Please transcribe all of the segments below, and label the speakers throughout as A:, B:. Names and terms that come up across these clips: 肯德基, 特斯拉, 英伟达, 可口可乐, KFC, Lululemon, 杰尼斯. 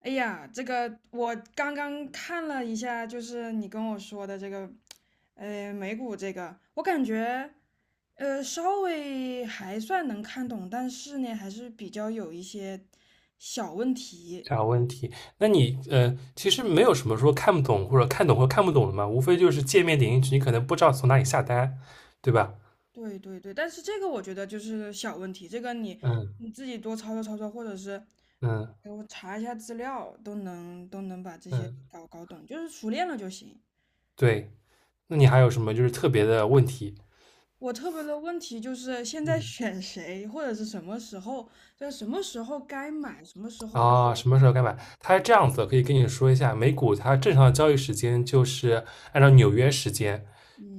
A: 哎呀，这个我刚刚看了一下，就是你跟我说的这个，美股这个，我感觉，稍微还算能看懂，但是呢，还是比较有一些小问题。
B: 啥问题？那你其实没有什么说看不懂或者看懂或看不懂的嘛，无非就是界面点进去，你可能不知道从哪里下单，对吧？
A: 对对对，但是这个我觉得就是小问题，这个你
B: 嗯
A: 你自己多操作操作，或者是
B: 嗯
A: 给我查一下资料，都能把这些
B: 嗯，
A: 搞搞懂，就是熟练了就行。
B: 对。那你还有什么就是特别的问题？
A: 我特别的问题就是现在
B: 嗯
A: 选谁，或者是什么时候，就是什么时候该买，什么时候，
B: 什么时候该买？它是这样子的，可以跟你说一下，美股它正常的交易时间就是按照纽约时间，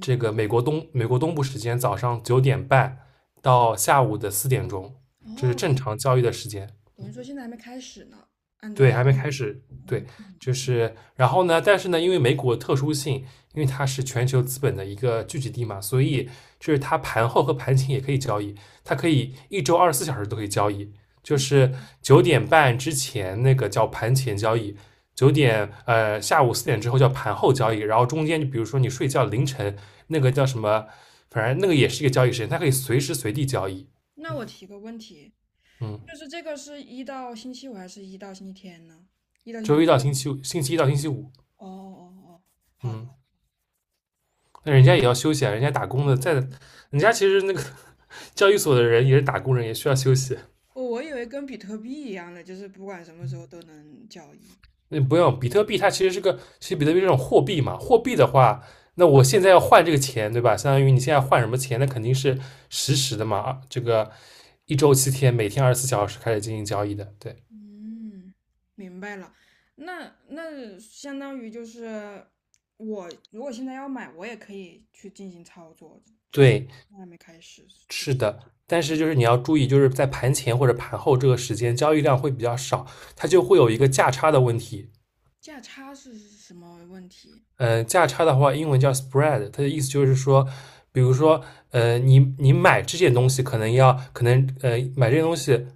B: 这个美国东部时间早上九点半到下午的4点钟，这是
A: 哦，
B: 正常交易的时间。
A: 等于说现在还没开始呢。按
B: 对，
A: 照，
B: 还没开始，对，
A: 嗯，
B: 就是然后呢，但是呢，因为美股的特殊性，因为它是全球资本的一个聚集地嘛，所以就是它盘后和盘前也可以交易，它可以一周二十四小时都可以交易，就是九点半之前那个叫盘前交易，下午 4 点之后叫盘后交易，然后中间就比如说你睡觉凌晨那个叫什么，反正那个也是一个交易时间，它可以随时随地交易。
A: 那我提个问题，
B: 嗯，
A: 就是这个是一到星期五还是一到星期天呢？一到
B: 周
A: 星，
B: 一到星期五，星期一到星期五。
A: 哦哦哦，好的，
B: 嗯。那人家也要休息啊，人家打工的在，人家其实那个 交易所的人也是打工人，也需要休息。
A: 我以为跟比特币一样的，就是不管什么时候都能交易。
B: 那不用，比特币它其实是个，其实比特币这种货币嘛，货币的话，那我现在要换这个钱，对吧？相当于你现在换什么钱，那肯定是实时的嘛，啊这个一周7 天，每天二十四小时开始进行交易的，对
A: 嗯，明白了。那相当于就是我如果现在要买，我也可以去进行操作，
B: 对。
A: 还没开始。记得
B: 但是就是你要注意，就是在盘前或者盘后这个时间，交易量会比较少，它就会有一个价差的问题。
A: 价差是什么问题？
B: 价差的话，英文叫 spread，它的意思就是说，比如说，你买这件东西可能要，买这件东西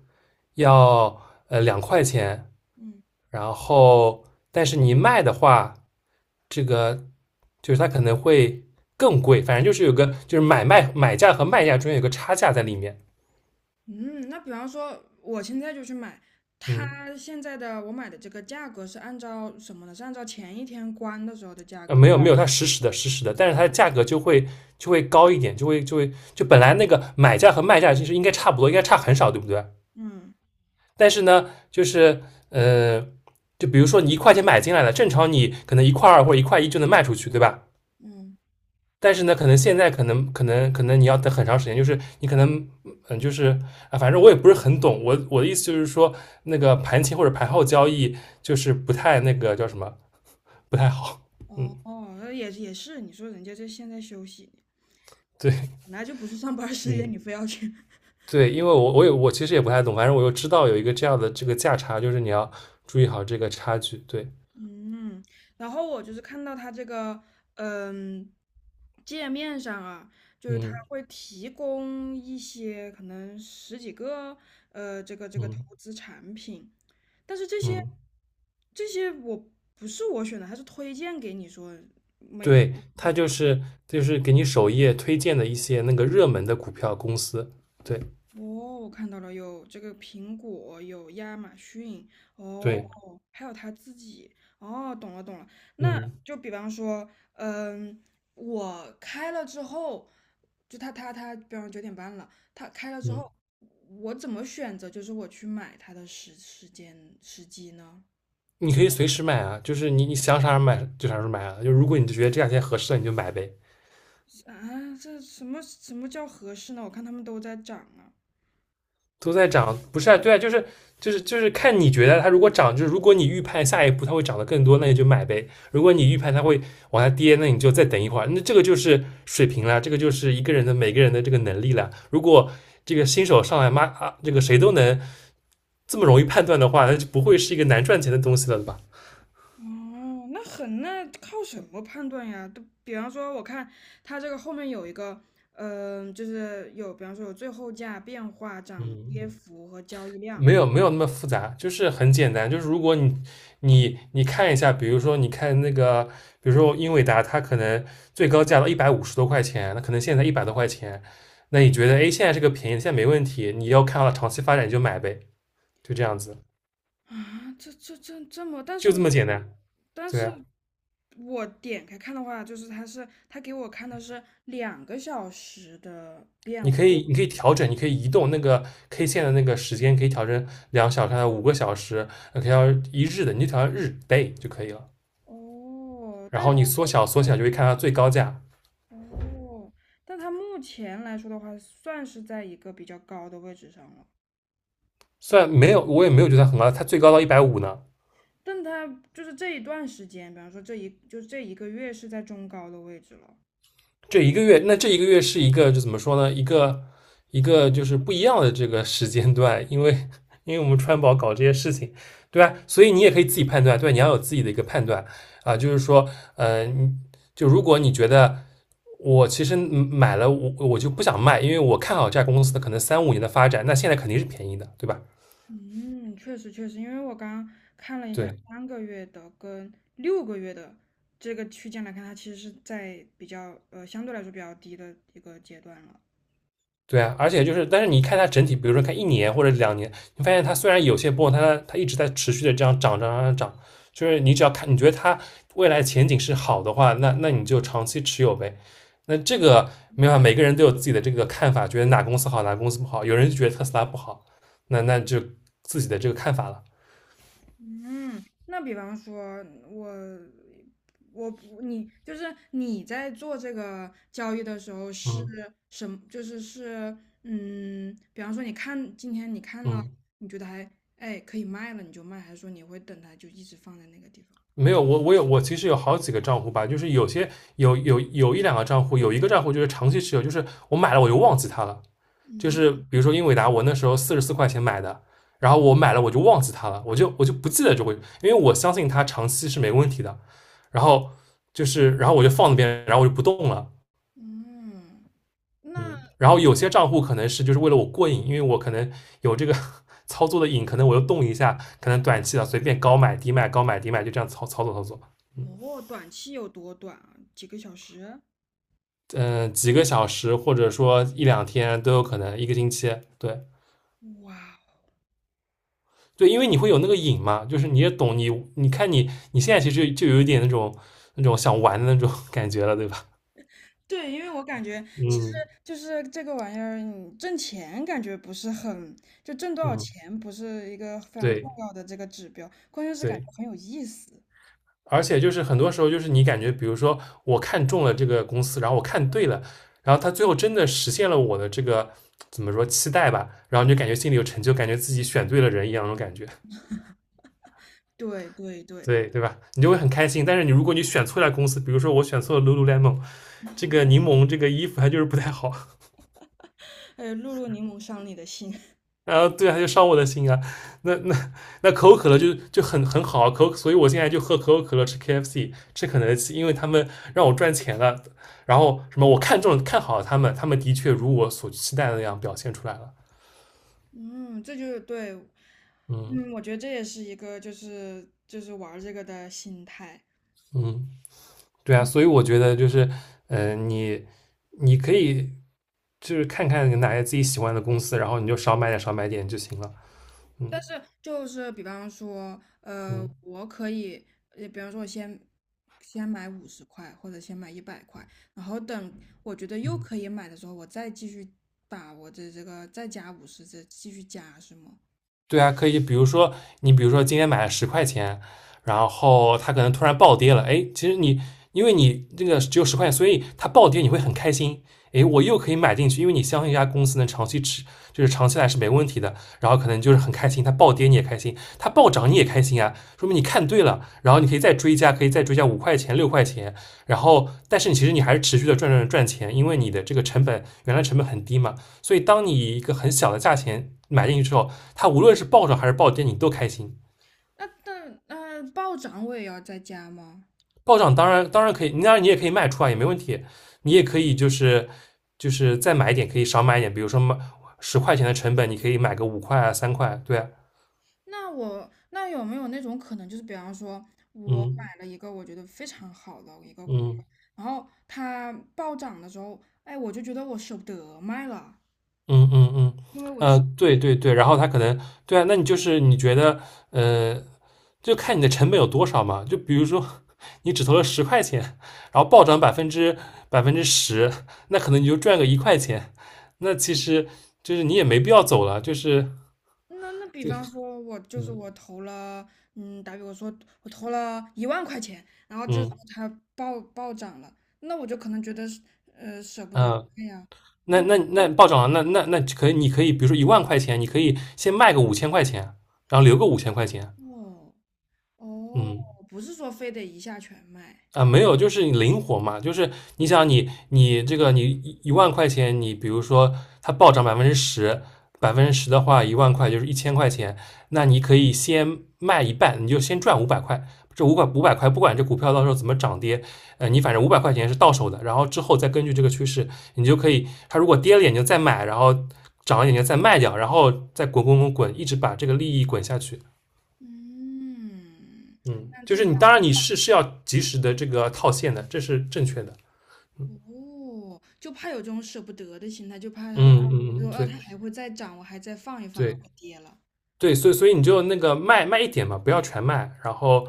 B: 要2 块钱，
A: 嗯
B: 然后但是你卖的话，这个就是它可能会更贵，反正就是有个就是买卖买价和卖价中间有个差价在里面。
A: 嗯，那比方说我现在就去买，
B: 嗯，
A: 它现在的我买的这个价格是按照什么呢？是按照前一天关的时候的价格吗？
B: 没有没有，它实时的实时的，但是它的价格就会高一点，就会就会就本来那个买价和卖价其实应该差不多，应该差很少，对不对？
A: 嗯
B: 但是呢，就是呃，就比如说你1 块钱买进来了，正常你可能1 块 2或者1 块 1就能卖出去，对吧？
A: 嗯，
B: 但是呢，可能现在可能你要等很长时间，就是你可能就是反正我也不是很懂。我的意思就是说，那个盘前或者盘后交易就是不太那个叫什么，不太好。嗯，
A: 哦哦，那也是，你说人家这现在休息，
B: 对，
A: 本来就不是上班儿时间，
B: 嗯，
A: 你非要去
B: 对，因为我其实也不太懂，反正我又知道有一个这样的这个价差，就是你要注意好这个差距。对，
A: 嗯，然后我就是看到它这个，嗯，界面上啊，就是它
B: 嗯
A: 会提供一些可能十几个，这个投
B: 嗯
A: 资产品，但是这些
B: 嗯，
A: 这些我不是我选的，它是推荐给你说每
B: 对，它就是给你首页推荐的一些那个热门的股票公司，对
A: 哦，我看到了，有这个苹果，有亚马逊，哦，
B: 对，
A: 还有他自己，哦，懂了懂了。那
B: 嗯
A: 就比方说，嗯，我开了之后，就他，比方9:30了，他开了之
B: 嗯，
A: 后，我怎么选择？就是我去买它的时间时机呢？
B: 你可以随时买啊，就是你想啥时候买就啥时候买啊，就如果你觉得这两天合适了，你就买呗，
A: 啊，这什么叫合适呢？我看他们都在涨啊。
B: 都在涨，不是啊，对啊，就是看你觉得它如果涨，就是如果你预判下一步它会涨得更多，那你就买呗；如果你预判它会往下跌，那你就再等一会儿，那这个就是水平了，这个就是一个人的每个人的这个能力了，如果。这个新手上来妈啊，这个谁都能这么容易判断的话，那就不会是一个难赚钱的东西了吧？
A: 哦，那靠什么判断呀？都比方说，我看它这个后面有一个，就是有，比方说有最后价、变化、涨跌
B: 嗯，
A: 幅和交易量。
B: 没有没有那么复杂，就是很简单。就是如果你你看一下，比如说你看那个，比如说英伟达，它可能最高价到150 多块钱，那可能现在100 多块钱，那你觉得哎现在这个便宜，现在没问题，你要看到长期发展你就买呗，就这样子，
A: 啊，这这这这么，但是
B: 就这
A: 我
B: 么简单。
A: 但
B: 对
A: 是
B: 啊，
A: 点开看的话，就是它是它给我看的是2个小时的变
B: 你
A: 化。
B: 可以你可以调整，你可以移动那个 K 线的那个时间，可以调成2 小时、5 个小时，可以调一日的，你就调日 day 就可以了。
A: 哦，
B: 然后你缩小缩小就会看到最高价，
A: 哦，但它目前来说的话，算是在一个比较高的位置上了。
B: 虽然没有我也没有觉得很高，它最高到一百五十呢。
A: 但它就是这一段时间，比方说就这一个月是在中高的位置了。
B: 这一个月，那这一个月是一个就怎么说呢？一个一个就是不一样的这个时间段，因为我们川宝搞这些事情，对吧？所以你也可以自己判断，对吧你要有自己的一个判断啊，就是说，呃，就如果你觉得我其实买了，我就不想卖，因为我看好这家公司的可能三五年的发展，那现在肯定是便宜的，对吧？
A: 嗯，确实确实，因为我刚刚看了一下
B: 对，
A: 3个月的跟6个月的这个区间来看，它其实是在比较相对来说比较低的一个阶段了。
B: 对啊，而且就是，但是你看它整体，比如说看1 年或者2 年，你发现它虽然有些波动，它一直在持续的这样涨涨涨涨，涨，就是你只要看，你觉得它未来前景是好的话，那你就长期持有呗。那这个没办法，每个人都有自己的这个看法，觉得哪公司好，哪公司不好。有人就觉得特斯拉不好，那就自己的这个看法了。
A: 嗯，那比方说，我不你就是你在做这个交易的时候是
B: 嗯
A: 什么？就是嗯，比方说你看今天你看了，
B: 嗯，
A: 你觉得还哎可以卖了，你就卖，还是说你会等它就一直放在那个地方？
B: 没有，我其实有好几个账户吧，就是有些有一两个账户，有一个账户就是长期持有，就是我买了我就忘记它了。就是比如说英伟达，我那时候44 块钱买的，然后我买了我就忘记它了，我就不记得就会，因为我相信它长期是没问题的。然后就是，然后我就放那边，然后我就不动了。
A: 嗯，那
B: 嗯，然后有些账户可能是就是为了我过瘾，因为我可能有这个 操作的瘾，可能我又动一下，可能短期的随便高买低卖，高买低卖，就这样操作操作，
A: 我短期有多短啊？几个小时？
B: 几个小时或者说一两天都有可能，一个星期，对，
A: 哇，
B: 对，因为你会有那个瘾嘛，就是你也懂你，你看你现在其实就有一点那种想玩的那种 感觉了，对吧？
A: 对，因为我感觉其实
B: 嗯
A: 就是这个玩意儿，你挣钱感觉不是很，就挣多少
B: 嗯，
A: 钱不是一个非常重
B: 对
A: 要的这个指标，关键是感觉
B: 对，
A: 很有意思。
B: 而且就是很多时候就是你感觉，比如说我看中了这个公司，然后我看对了，然后他最后真的实现了我的这个怎么说期待吧，然后你就感觉心里有成就，感觉自己选对了人一样那种感觉，
A: 对对对，
B: 对吧？你就会很开心。但是你如果你选错了公司，比如说我选错了 Lululemon 这个柠檬这个衣服，它就是不太好。
A: 哎，露露柠檬伤你的心，
B: 啊，对啊，就伤我的心啊。那可口可乐就很好啊，所以我现在就喝可口可乐，吃 KFC，吃肯德基，因为他们让我赚钱了。然后什么，我看中了看好了他们，他们的确如我所期待的那样表现出来了。
A: 嗯，这就是对，
B: 嗯
A: 嗯，我觉得这也是一个就是玩儿这个的心态。
B: 嗯，对啊，所以我觉得就是，嗯，你你可以就是看看哪些自己喜欢的公司，然后你就少买点少买点就行了。
A: 但
B: 嗯
A: 是就是比方说，
B: 嗯
A: 我可以，比方说我先买50块，或者先买100块，然后等我觉得又
B: 嗯。
A: 可以买的时候，我再继续把我的这个再加五十，再继续加是吗？
B: 对啊，可以，比如说你，比如说今天买了十块钱，然后它可能突然暴跌了，哎，其实你因为你这个只有十块钱，所以它暴跌你会很开心，哎，我又可以买进去，因为你相信一家公司能长期持，就是长期来是没问题的，然后可能就是很开心，它暴跌你也开心，它暴涨你也开心啊，说明你看对了，然后你可以再追加，5块钱、6块钱，然后但是你其实你还是持续的赚钱，因为你的这个原来成本很低嘛，所以当你以一个很小的价钱买进去之后，它无论是暴涨还是暴跌，你都开心。
A: 那暴涨我也要再加吗？
B: 暴涨当然可以，当然你也可以卖出啊，也没问题。你也可以就是再买一点，可以少买一点，比如说买十块钱的成本，你可以买个五块啊、3块啊，对啊，
A: 那我有没有那种可能，就是比方说我
B: 嗯
A: 买了一个我觉得非常好的一个股票，
B: 嗯
A: 然后它暴涨的时候，哎，我就觉得我舍不得卖了。
B: 嗯嗯嗯，
A: 因为我
B: 对对对，然后它可能对啊，那你就是你觉得呃就看你的成本有多少嘛。就比如说 你只投了10块钱，然后暴涨百分之十，那可能你就赚个1块钱。那其实就是你也没必要走了，就是
A: 那比方说，我就是
B: 嗯
A: 我投了，嗯，打比我说我投了1万块钱，然后这
B: 嗯
A: 时候它暴涨了，那我就可能觉得是，舍不
B: 嗯、
A: 得卖呀。
B: 那暴涨了，那可以，你可以比如说一万块钱，你可以先卖个五千块钱，然后留个五千块钱，
A: 哦哦，
B: 嗯。
A: 不是说非得一下全卖。
B: 啊，没有，就是你灵活嘛，就是你想你这个你一万块钱，你比如说它暴涨百分之十，百分之十的话，一万块就是1000块钱，那你可以先卖一半，你就先赚五百块，这五百块不管这股票到时候怎么涨跌，你反正500块钱是到手的，然后之后再根据这个趋势，你就可以，它如果跌了眼睛再买，然后涨了眼睛再卖掉，然后再滚滚滚滚，一直把这个利益滚下去。
A: 嗯，
B: 嗯，
A: 但
B: 就
A: 至
B: 是你当
A: 少
B: 然你是要及时的这个套现的，这是正确的。嗯
A: 哦，就怕有这种舍不得的心态，就怕它就
B: 嗯，
A: 就
B: 嗯，
A: 哦，
B: 对
A: 它还会再涨，我还再放一放，然
B: 对
A: 后跌了。
B: 对，所以你就那个卖一点嘛，不要全卖，然后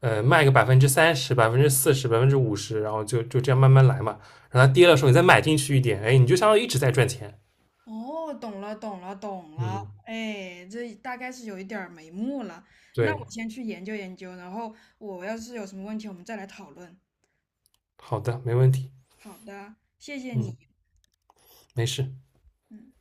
B: 卖个30%、40%、50%，然后就这样慢慢来嘛。然后它跌的时候你再买进去一点，哎，你就相当于一直在赚钱。
A: 哦，懂了，懂了，懂了，
B: 嗯，
A: 哎，这大概是有一点儿眉目了。那
B: 对，
A: 我先去研究研究，然后我要是有什么问题，我们再来讨论。
B: 好的，没问题。
A: 好的，谢谢你。
B: 嗯，没事。
A: 嗯。